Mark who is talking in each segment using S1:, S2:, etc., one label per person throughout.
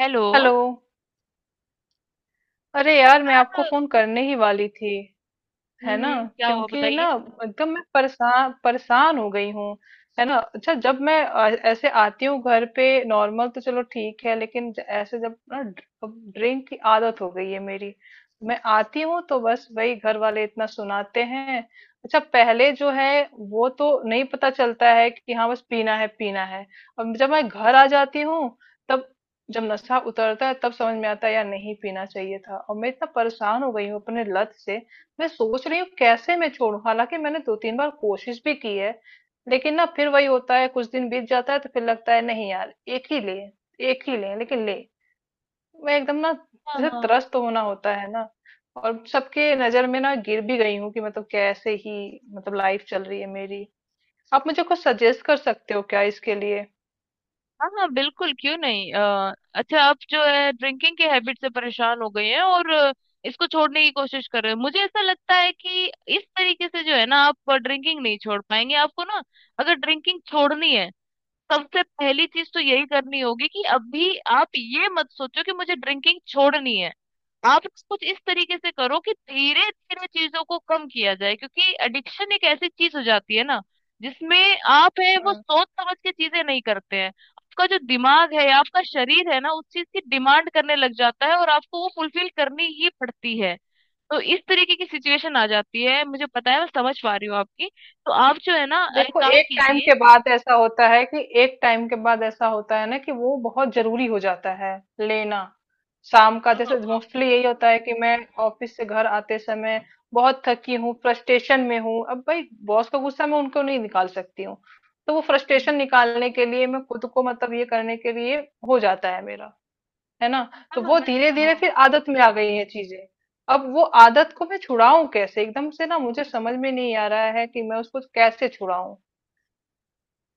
S1: Hello.
S2: Hello. अरे यार, मैं आपको फोन करने ही वाली थी, है ना।
S1: हम्म, क्या हुआ
S2: क्योंकि ना,
S1: बताइए।
S2: एकदम मैं परेशान परेशान हो गई हूँ, है ना। अच्छा, जब मैं ऐसे आती हूँ घर पे नॉर्मल तो चलो ठीक है, लेकिन ऐसे जब ना, ड्रिंक की आदत हो गई है मेरी। मैं आती हूँ तो बस वही घर वाले इतना सुनाते हैं। अच्छा, पहले जो है वो तो नहीं पता चलता है कि हाँ बस पीना है पीना है। अब जब मैं घर आ जाती हूँ, तब, जब नशा उतरता है, तब समझ में आता है यार नहीं पीना चाहिए था, और मैं इतना परेशान हो गई हूँ अपने लत से। मैं सोच रही हूँ कैसे मैं छोड़ूं। हालांकि मैंने दो तीन बार कोशिश भी की है, लेकिन ना फिर वही होता है, कुछ दिन बीत जाता है तो फिर लगता है नहीं यार एक ही ले, एक ही ले, लेकिन ले। मैं एकदम ना
S1: हाँ
S2: जैसे
S1: हाँ।
S2: त्रस्त होना होता है ना, और सबके नजर में ना गिर भी गई हूँ, कि मतलब कैसे ही, मतलब लाइफ चल रही है मेरी। आप मुझे कुछ सजेस्ट कर सकते हो क्या इसके लिए?
S1: हाँ हाँ, बिल्कुल क्यों नहीं। अच्छा आप जो है ड्रिंकिंग की हैबिट से परेशान हो गए हैं, और इसको छोड़ने की कोशिश कर रहे हैं। मुझे ऐसा लगता है कि इस तरीके से जो है ना आप ड्रिंकिंग नहीं छोड़ पाएंगे। आपको ना, अगर ड्रिंकिंग छोड़नी है, सबसे पहली चीज तो यही करनी होगी कि अभी आप ये मत सोचो कि मुझे ड्रिंकिंग छोड़नी है। आप कुछ इस तरीके से करो कि धीरे धीरे चीजों को कम किया जाए, क्योंकि एडिक्शन एक ऐसी चीज हो जाती है ना जिसमें आप है वो
S2: हाँ।
S1: सोच समझ के चीजें नहीं करते हैं। आपका जो दिमाग है, आपका शरीर है ना, उस चीज की डिमांड करने लग जाता है और आपको वो फुलफिल करनी ही पड़ती है। तो इस तरीके की सिचुएशन आ जाती है। मुझे पता है, मैं समझ पा रही हूँ आपकी। तो आप जो है ना एक
S2: देखो,
S1: काम
S2: एक टाइम
S1: कीजिए।
S2: के बाद ऐसा होता है कि एक टाइम के बाद ऐसा होता है ना कि वो बहुत जरूरी हो जाता है लेना। शाम का
S1: हाँ
S2: जैसे
S1: हाँ
S2: मोस्टली यही होता है कि मैं ऑफिस से घर आते समय बहुत थकी हूँ, फ्रस्ट्रेशन में हूँ। अब भाई बॉस का गुस्सा मैं उनको नहीं निकाल सकती हूँ, तो वो फ्रस्ट्रेशन
S1: हाँ।
S2: निकालने के लिए मैं खुद को, मतलब, ये करने के लिए हो जाता है मेरा, है ना।
S1: हाँ,
S2: तो
S1: हाँ,
S2: वो धीरे धीरे
S1: हाँ।
S2: फिर आदत में आ गई है चीजें। अब वो आदत को मैं छुड़ाऊं कैसे एकदम से, ना मुझे समझ में नहीं आ रहा है कि मैं उसको कैसे छुड़ाऊं।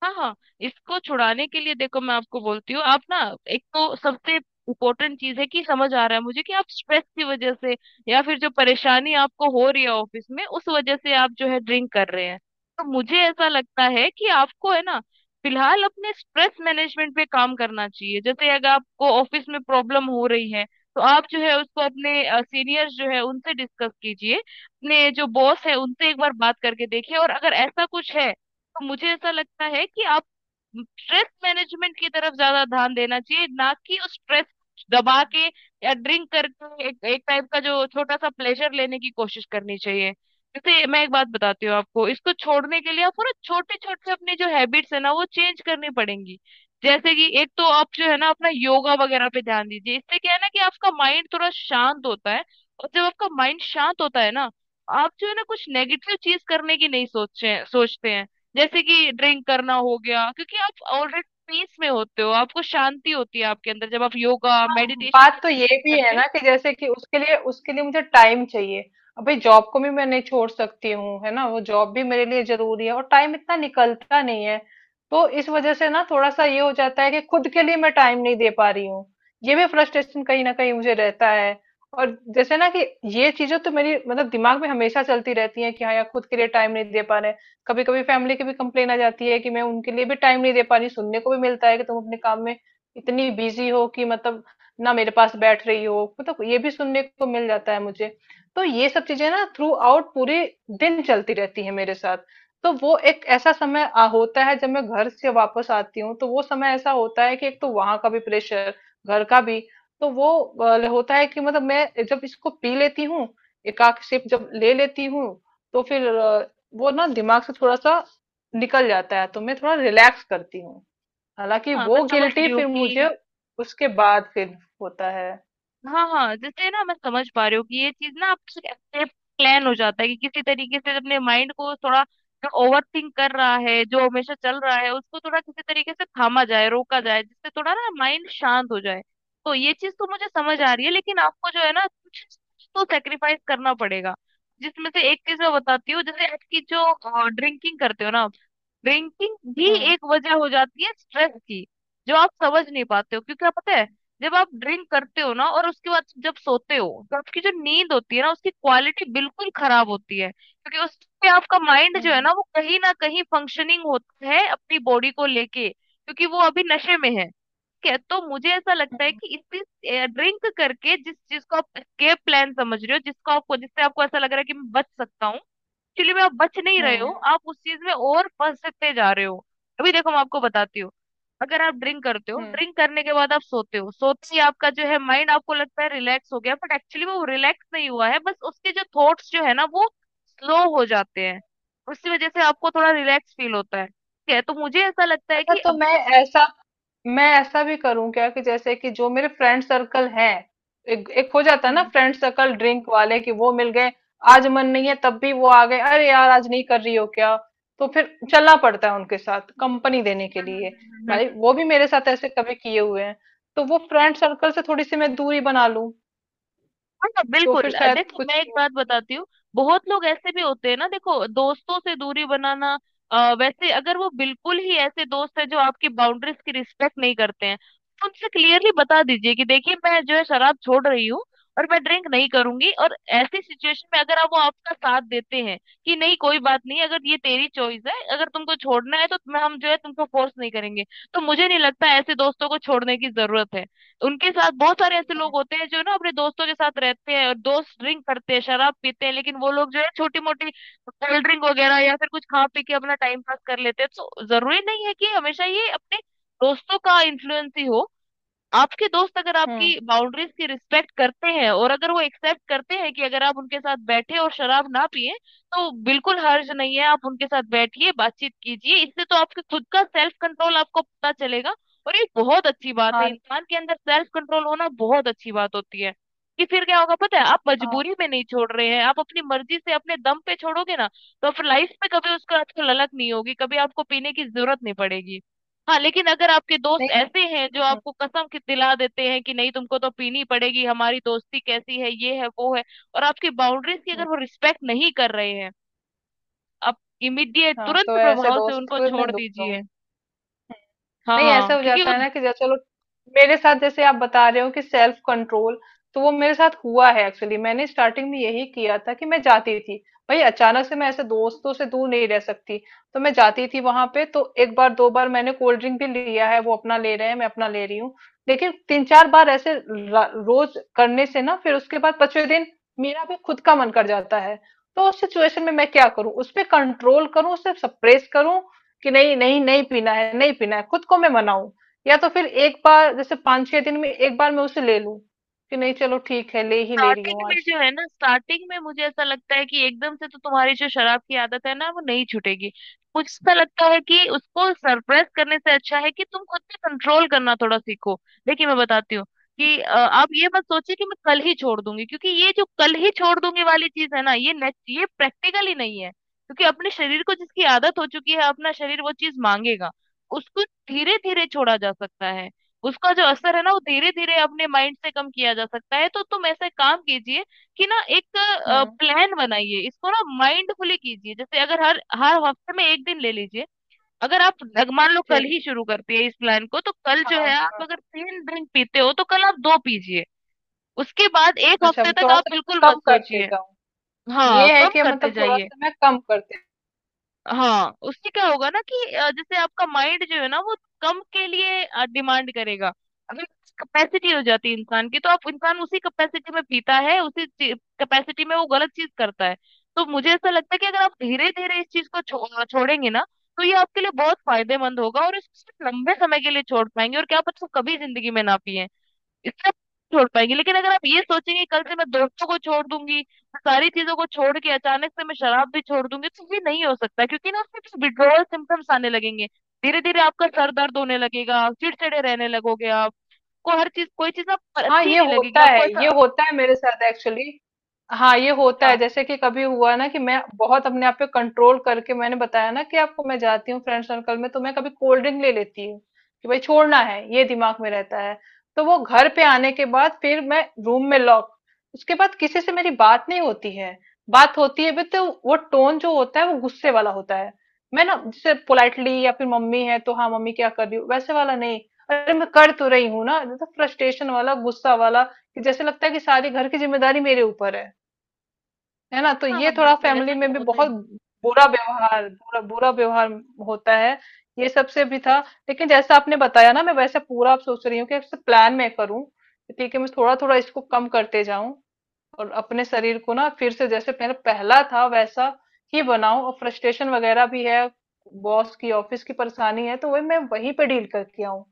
S1: हाँ हाँ, इसको छुड़ाने के लिए देखो मैं आपको बोलती हूँ। आप ना, एक तो सबसे इम्पोर्टेंट चीज है कि समझ आ रहा है मुझे कि आप स्ट्रेस की वजह से या फिर जो परेशानी आपको हो रही है ऑफिस में, उस वजह से आप जो है ड्रिंक कर रहे हैं। तो मुझे ऐसा लगता है कि आपको है ना फिलहाल अपने स्ट्रेस मैनेजमेंट पे काम करना चाहिए। जैसे अगर आपको ऑफिस में प्रॉब्लम हो रही है तो आप जो है उसको अपने सीनियर्स जो है उनसे डिस्कस कीजिए, अपने जो बॉस है उनसे एक बार बात करके देखिए, और अगर ऐसा कुछ है तो मुझे ऐसा लगता है कि आप स्ट्रेस मैनेजमेंट की तरफ ज्यादा ध्यान देना चाहिए, ना कि उस स्ट्रेस दबा के या ड्रिंक करके एक एक टाइप का जो छोटा सा प्लेजर लेने की कोशिश करनी चाहिए। जैसे मैं एक बात बताती हूँ आपको, इसको छोड़ने के लिए आपको ना छोटे छोटे अपनी जो हैबिट्स है ना वो चेंज करनी पड़ेंगी। जैसे कि एक तो आप जो है ना अपना योगा वगैरह पे ध्यान दीजिए। इससे क्या है ना कि आपका माइंड थोड़ा शांत होता है, और जब आपका माइंड शांत होता है ना, आप जो है ना कुछ नेगेटिव चीज करने की नहीं सोचते सोचते हैं। जैसे कि ड्रिंक करना हो गया, क्योंकि आप ऑलरेडी पीस में होते हो, आपको शांति होती है आपके अंदर जब आप योगा
S2: हाँ,
S1: मेडिटेशन
S2: बात तो
S1: जैसी
S2: ये
S1: चीजें
S2: भी है
S1: करते हैं।
S2: ना कि जैसे कि उसके लिए मुझे टाइम चाहिए। अभी जॉब को भी मैं नहीं छोड़ सकती हूँ, है ना, वो जॉब भी मेरे लिए जरूरी है, और टाइम इतना निकलता नहीं है। तो इस वजह से ना थोड़ा सा ये हो जाता है कि खुद के लिए मैं टाइम नहीं दे पा रही हूँ, ये भी फ्रस्ट्रेशन कहीं ना कहीं मुझे रहता है। और जैसे ना कि ये चीजें तो मेरी, मतलब, दिमाग में हमेशा चलती रहती है कि हाँ यार खुद के लिए टाइम नहीं दे पा रहे। कभी कभी फैमिली की भी कंप्लेन आ जाती है कि मैं उनके लिए भी टाइम नहीं दे पा रही, सुनने को भी मिलता है कि तुम अपने काम में इतनी बिजी हो कि मतलब ना मेरे पास बैठ रही हो, मतलब ये भी सुनने को मिल जाता है मुझे। तो ये सब चीजें ना थ्रू आउट पूरे दिन चलती रहती है मेरे साथ। तो वो एक ऐसा समय होता है जब मैं घर से वापस आती हूँ, तो वो समय ऐसा होता है कि एक तो वहां का भी प्रेशर, घर का भी। तो वो होता है कि मतलब मैं जब इसको पी लेती हूँ, एकाक सिप जब ले लेती हूँ, तो फिर वो ना दिमाग से थोड़ा सा निकल जाता है तो मैं थोड़ा रिलैक्स करती हूँ। हालांकि
S1: हाँ
S2: वो
S1: मैं समझ
S2: गिल्टी
S1: रही हूँ
S2: फिर मुझे
S1: कि
S2: उसके बाद फिर होता है।
S1: हाँ हाँ, जैसे ना मैं समझ पा रही हूँ कि ये चीज ना आपसे कैसे प्लान हो जाता है, कि किसी तरीके से अपने माइंड को थोड़ा, जो ओवर थिंक कर रहा है जो हमेशा चल रहा है उसको थोड़ा किसी तरीके से थामा जाए, रोका जाए, जिससे थोड़ा ना माइंड शांत हो जाए। तो ये चीज तो मुझे समझ आ रही है, लेकिन आपको जो है ना कुछ कुछ तो सेक्रीफाइस करना पड़ेगा। जिसमें से एक चीज मैं बताती हूँ, जैसे आपकी जो ड्रिंकिंग करते हो ना, बैंकिंग भी
S2: हम्म।
S1: एक वजह हो जाती है स्ट्रेस की, जो आप समझ नहीं पाते हो। क्योंकि क्या पता है, जब आप ड्रिंक करते हो ना और उसके बाद जब सोते हो, तो आपकी जो नींद होती है ना उसकी क्वालिटी बिल्कुल खराब होती है, क्योंकि उस पे आपका माइंड जो है
S2: हम्म।
S1: ना वो कहीं ना कहीं फंक्शनिंग होता है अपनी बॉडी को लेके, क्योंकि वो अभी नशे में है। ठीक है। तो मुझे ऐसा लगता है
S2: हम्म।
S1: कि इसी ड्रिंक करके जिस चीज को आप एस्केप प्लान समझ रहे हो, जिसको आपको, जिससे आपको ऐसा लग रहा है कि मैं बच सकता हूँ, एक्चुअली में आप बच नहीं रहे हो,
S2: हम्म।
S1: आप उस चीज में और फंसते जा रहे हो। अभी देखो मैं आपको बताती हूँ। अगर आप ड्रिंक करते हो,
S2: हम्म।
S1: ड्रिंक करने के बाद आप सोते हो, सोते ही आपका जो है माइंड आपको लगता है रिलैक्स हो गया, बट एक्चुअली में वो रिलैक्स नहीं हुआ है, बस उसके जो थॉट्स जो है ना वो स्लो हो जाते हैं। उसकी वजह से आपको थोड़ा रिलैक्स फील होता है। ठीक है। तो मुझे ऐसा लगता है
S2: अच्छा,
S1: कि
S2: तो
S1: अब
S2: मैं, ऐसा ऐसा भी करूं क्या कि जैसे कि जो मेरे फ्रेंड सर्कल हैं, एक हो जाता है
S1: हम्म
S2: ना,
S1: हम्म,
S2: फ्रेंड सर्कल ड्रिंक वाले, कि वो मिल गए, आज मन नहीं है तब भी वो आ गए, अरे यार आज नहीं कर रही हो क्या, तो फिर चलना पड़ता है उनके साथ कंपनी देने के
S1: हम्म,
S2: लिए।
S1: हम्म, हम्म।
S2: भाई वो भी मेरे साथ ऐसे कभी किए हुए हैं। तो वो फ्रेंड सर्कल से थोड़ी सी मैं दूरी बना लूं
S1: हाँ हाँ,
S2: तो
S1: बिल्कुल।
S2: फिर शायद
S1: देखो मैं
S2: कुछ
S1: एक
S2: हो।
S1: बात बताती हूँ। बहुत लोग ऐसे भी होते हैं ना, देखो दोस्तों से दूरी बनाना, वैसे अगर वो बिल्कुल ही ऐसे दोस्त है जो आपकी बाउंड्रीज की रिस्पेक्ट नहीं करते हैं, तो उनसे क्लियरली बता दीजिए कि देखिए मैं जो है शराब छोड़ रही हूँ और मैं ड्रिंक नहीं करूंगी। और ऐसी सिचुएशन में अगर आप वो आपका साथ देते हैं कि नहीं कोई बात नहीं, अगर ये तेरी चॉइस है, अगर तुमको छोड़ना है तो मैं हम जो है तुमको फोर्स नहीं करेंगे, तो मुझे नहीं लगता ऐसे दोस्तों को छोड़ने की जरूरत है। उनके साथ, बहुत सारे ऐसे लोग होते हैं जो ना अपने दोस्तों के साथ रहते हैं और दोस्त ड्रिंक करते हैं, शराब पीते हैं, लेकिन वो लोग जो है छोटी मोटी कोल्ड ड्रिंक वगैरह या फिर कुछ खा पी के अपना टाइम पास कर लेते हैं। तो जरूरी नहीं है कि हमेशा ये अपने दोस्तों का इन्फ्लुएंस ही हो। आपके दोस्त अगर
S2: हम्म।
S1: आपकी बाउंड्रीज की रिस्पेक्ट करते हैं और अगर वो एक्सेप्ट करते हैं कि अगर आप उनके साथ बैठे और शराब ना पिए, तो बिल्कुल हर्ज नहीं है। आप उनके साथ बैठिए, बातचीत कीजिए। इससे तो आपके खुद का सेल्फ कंट्रोल आपको पता चलेगा, और ये बहुत अच्छी बात है,
S2: हाँ
S1: इंसान के अंदर सेल्फ कंट्रोल होना बहुत अच्छी बात होती है। कि फिर क्या होगा पता है, आप
S2: हाँ।
S1: मजबूरी में नहीं छोड़ रहे
S2: हम्म,
S1: हैं, आप अपनी मर्जी से अपने दम पे छोड़ोगे ना, तो आप लाइफ में कभी उसका आपको ललक नहीं होगी, कभी आपको पीने की जरूरत नहीं पड़ेगी। हाँ, लेकिन अगर आपके दोस्त
S2: नहीं।
S1: ऐसे हैं जो
S2: हम्म।
S1: आपको कसम कि दिला देते हैं कि नहीं तुमको तो पीनी पड़ेगी, हमारी दोस्ती कैसी है, ये है वो है, और आपकी बाउंड्रीज की
S2: हम्म।
S1: अगर वो रिस्पेक्ट नहीं कर रहे हैं, आप इमीडिएट
S2: हाँ,
S1: तुरंत
S2: तो ऐसे
S1: प्रभाव से
S2: दोस्त
S1: उनको
S2: फिर मैं
S1: छोड़
S2: दूर हूँ।
S1: दीजिए। हाँ
S2: नहीं, ऐसा
S1: हाँ,
S2: हो
S1: क्योंकि
S2: जाता
S1: वो
S2: है ना कि जैसे चलो, मेरे साथ जैसे आप बता रहे हो कि सेल्फ कंट्रोल, तो वो मेरे साथ हुआ है एक्चुअली। मैंने स्टार्टिंग में यही किया था कि मैं जाती थी। भाई अचानक से मैं ऐसे दोस्तों से दूर नहीं रह सकती। तो मैं जाती थी वहां पे, तो एक बार दो बार मैंने कोल्ड ड्रिंक भी लिया है, वो अपना ले रहे हैं, मैं अपना ले रही हूँ। लेकिन तीन चार बार ऐसे रोज करने से ना, फिर उसके बाद पांचवें दिन मेरा भी खुद का मन कर जाता है। तो उस सिचुएशन में मैं क्या करूं? उस पे कंट्रोल करूं, उसे सप्रेस करूं कि नहीं नहीं नहीं पीना है नहीं पीना है खुद को मैं मनाऊं, या तो फिर एक बार जैसे पांच छह दिन में एक बार मैं उसे ले लूं कि नहीं चलो ठीक है ले ही ले रही
S1: स्टार्टिंग
S2: हूँ
S1: में
S2: आज।
S1: जो है ना, स्टार्टिंग में मुझे ऐसा लगता है कि एकदम से तो तुम्हारी जो शराब की आदत है ना वो नहीं छूटेगी। मुझे ऐसा लगता है कि उसको सरप्राइज करने से अच्छा है कि तुम खुद पे कंट्रोल करना थोड़ा सीखो। देखिए मैं बताती हूँ कि आप ये मत सोचिए कि मैं कल ही छोड़ दूंगी, क्योंकि ये जो कल ही छोड़ दूंगी वाली चीज है ना, ये ये प्रैक्टिकल ही नहीं है, क्योंकि अपने शरीर को जिसकी आदत हो चुकी है अपना शरीर वो चीज मांगेगा। उसको धीरे धीरे छोड़ा जा सकता है, उसका जो असर है ना वो धीरे धीरे अपने माइंड से कम किया जा सकता है। तो तुम ऐसा काम कीजिए कि ना एक
S2: हम्म।
S1: प्लान बनाइए, इसको ना माइंडफुली कीजिए। जैसे अगर हर हर हफ्ते में एक दिन ले लीजिए, अगर आप मान लो कल
S2: ठीक
S1: ही
S2: है।
S1: शुरू करती है इस प्लान को, तो कल जो
S2: हाँ
S1: है आप
S2: हाँ।
S1: अगर तीन ड्रिंक पीते हो तो कल आप दो पीजिए। उसके बाद एक
S2: अच्छा,
S1: हफ्ते तक
S2: थोड़ा
S1: आप
S2: सा
S1: बिल्कुल मत
S2: कम करते
S1: सोचिए।
S2: जाऊं,
S1: हाँ,
S2: ये है
S1: कम
S2: कि
S1: करते
S2: मतलब थोड़ा
S1: जाइए।
S2: सा मैं कम करते।
S1: हाँ उससे क्या होगा ना कि जैसे आपका माइंड जो है ना वो कम के लिए डिमांड करेगा। अगर कैपेसिटी हो जाती है इंसान की, तो आप इंसान उसी कैपेसिटी में पीता है, उसी कैपेसिटी में वो गलत चीज करता है। तो मुझे ऐसा लगता है कि अगर आप धीरे धीरे इस चीज को छोड़ेंगे ना, तो ये आपके लिए बहुत फायदेमंद होगा, और इसको सिर्फ लंबे समय के लिए छोड़ पाएंगे, और क्या पता कभी जिंदगी में ना पिए। इतना नहीं छोड़ पाएंगे, लेकिन अगर आप ये सोचेंगे कल से मैं दोस्तों को छोड़ दूंगी, मैं सारी चीजों को छोड़ के अचानक से मैं शराब भी छोड़ दूंगी, तो ये नहीं हो सकता, क्योंकि ना उसमें कुछ विड्रोवल सिम्टम्स आने लगेंगे। धीरे धीरे आपका सर दर्द होने लगेगा, चिड़चिड़े रहने लगोगे, आप को हर चीज कोई चीज आप
S2: हाँ,
S1: अच्छी
S2: ये
S1: नहीं लगेगी,
S2: होता
S1: आपको
S2: है, ये
S1: ऐसा।
S2: होता है मेरे साथ एक्चुअली। हाँ, ये होता है।
S1: हाँ
S2: जैसे कि कभी हुआ ना कि मैं बहुत अपने आप पे कंट्रोल करके, मैंने बताया ना कि आपको, मैं जाती हूँ फ्रेंड सर्कल में तो मैं कभी कोल्ड ड्रिंक ले लेती हूँ, कि भाई छोड़ना है ये दिमाग में रहता है। तो वो घर पे आने के बाद फिर मैं रूम में लॉक। उसके बाद किसी से मेरी बात नहीं होती है, बात होती है भी तो वो टोन जो होता है वो गुस्से वाला होता है। मैं ना जैसे पोलाइटली या फिर मम्मी है तो हाँ मम्मी क्या कर रही हूँ वैसे वाला नहीं, अरे मैं कर तो रही हूँ ना, तो फ्रस्ट्रेशन वाला गुस्सा वाला, कि जैसे लगता है कि सारी घर की जिम्मेदारी मेरे ऊपर है ना। तो
S1: हाँ,
S2: ये
S1: हाँ
S2: थोड़ा
S1: बिल्कुल
S2: फैमिली
S1: ऐसा
S2: में
S1: तो
S2: भी
S1: होता
S2: बहुत
S1: ही।
S2: बुरा व्यवहार, बुरा बुरा व्यवहार होता है। ये सबसे भी था। लेकिन जैसा आपने बताया ना, मैं वैसे पूरा अब सोच रही हूँ कि प्लान मैं करूँ। ठीक है, मैं थोड़ा थोड़ा इसको कम करते जाऊं, और अपने शरीर को ना फिर से जैसे पहले पहला था वैसा ही बनाऊं। और फ्रस्ट्रेशन वगैरह भी है, बॉस की ऑफिस की परेशानी है, तो वही मैं वहीं पे डील करके आऊं,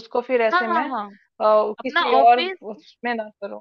S2: उसको फिर
S1: हाँ
S2: ऐसे
S1: हाँ
S2: मैं
S1: हाँ, अपना
S2: किसी और
S1: ऑफिस।
S2: उसमें ना करूं।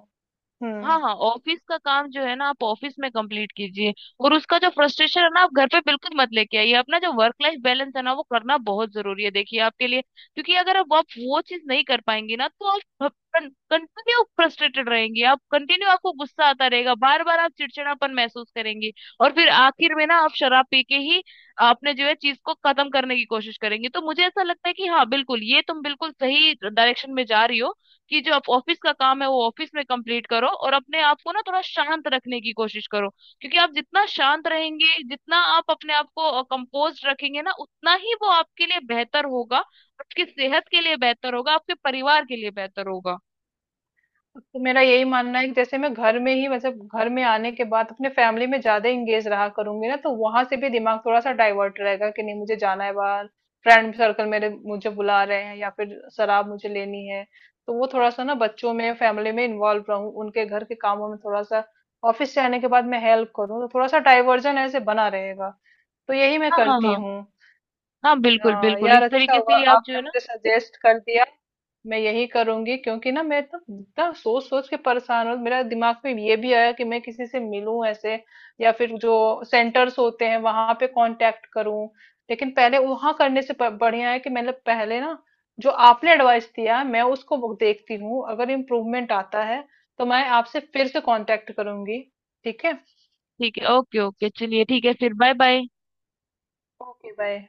S2: हम्म।
S1: हाँ हाँ, ऑफिस का काम जो है ना आप ऑफिस में कंप्लीट कीजिए, और उसका जो फ्रस्ट्रेशन है ना आप घर पे बिल्कुल मत लेके आइए। अपना जो वर्क लाइफ बैलेंस है ना वो करना बहुत जरूरी है, देखिए आपके लिए, क्योंकि अगर अब आप वो चीज नहीं कर पाएंगी ना, तो आप कंटिन्यू फ्रस्ट्रेटेड रहेंगी, आप कंटिन्यू आपको गुस्सा आता रहेगा, बार बार आप चिड़चिड़ापन महसूस करेंगी, और फिर आखिर में ना आप शराब पी के ही आपने जो है चीज को खत्म करने की कोशिश करेंगी। तो मुझे ऐसा लगता है कि हाँ बिल्कुल, ये तुम बिल्कुल सही डायरेक्शन में जा रही हो। कि जो आप ऑफिस का काम है वो ऑफिस में कंप्लीट करो और अपने आप को ना थोड़ा शांत रखने की कोशिश करो, क्योंकि आप जितना शांत रहेंगे, जितना आप अपने आप को कंपोज रखेंगे ना, उतना ही वो आपके लिए बेहतर होगा, आपकी सेहत के लिए बेहतर होगा, आपके परिवार के लिए बेहतर होगा।
S2: तो मेरा यही मानना है कि जैसे मैं घर में ही, मतलब घर में आने के बाद अपने फैमिली में ज्यादा इंगेज रहा करूंगी ना, तो वहां से भी दिमाग थोड़ा सा डाइवर्ट रहेगा, कि नहीं मुझे जाना है बाहर, फ्रेंड सर्कल मेरे मुझे बुला रहे हैं या फिर शराब मुझे लेनी है। तो वो थोड़ा सा ना बच्चों में, फैमिली में इन्वॉल्व रहूं, उनके घर के कामों में थोड़ा सा ऑफिस से आने के बाद मैं हेल्प करूँ, तो थोड़ा सा डाइवर्जन ऐसे बना रहेगा। तो यही मैं
S1: हाँ हाँ
S2: करती
S1: हाँ।
S2: हूँ।
S1: हाँ बिल्कुल बिल्कुल,
S2: यार
S1: इस
S2: अच्छा
S1: तरीके से
S2: हुआ
S1: ही आप जो
S2: आपने
S1: है ना।
S2: मुझे सजेस्ट कर दिया। मैं यही करूंगी, क्योंकि ना मैं तो इतना सोच सोच के परेशान हूँ। मेरा दिमाग में ये भी आया कि मैं किसी से मिलूं ऐसे, या फिर जो सेंटर्स होते हैं वहां पे कांटेक्ट करूं। लेकिन पहले वहां करने से, बढ़िया है कि मैंने पहले ना जो आपने एडवाइस दिया मैं उसको वो देखती हूँ, अगर इम्प्रूवमेंट आता है तो मैं आपसे फिर से कांटेक्ट करूंगी, ठीक है।
S1: ठीक है, ओके ओके, चलिए ठीक है, फिर बाय बाय।
S2: Okay, bye.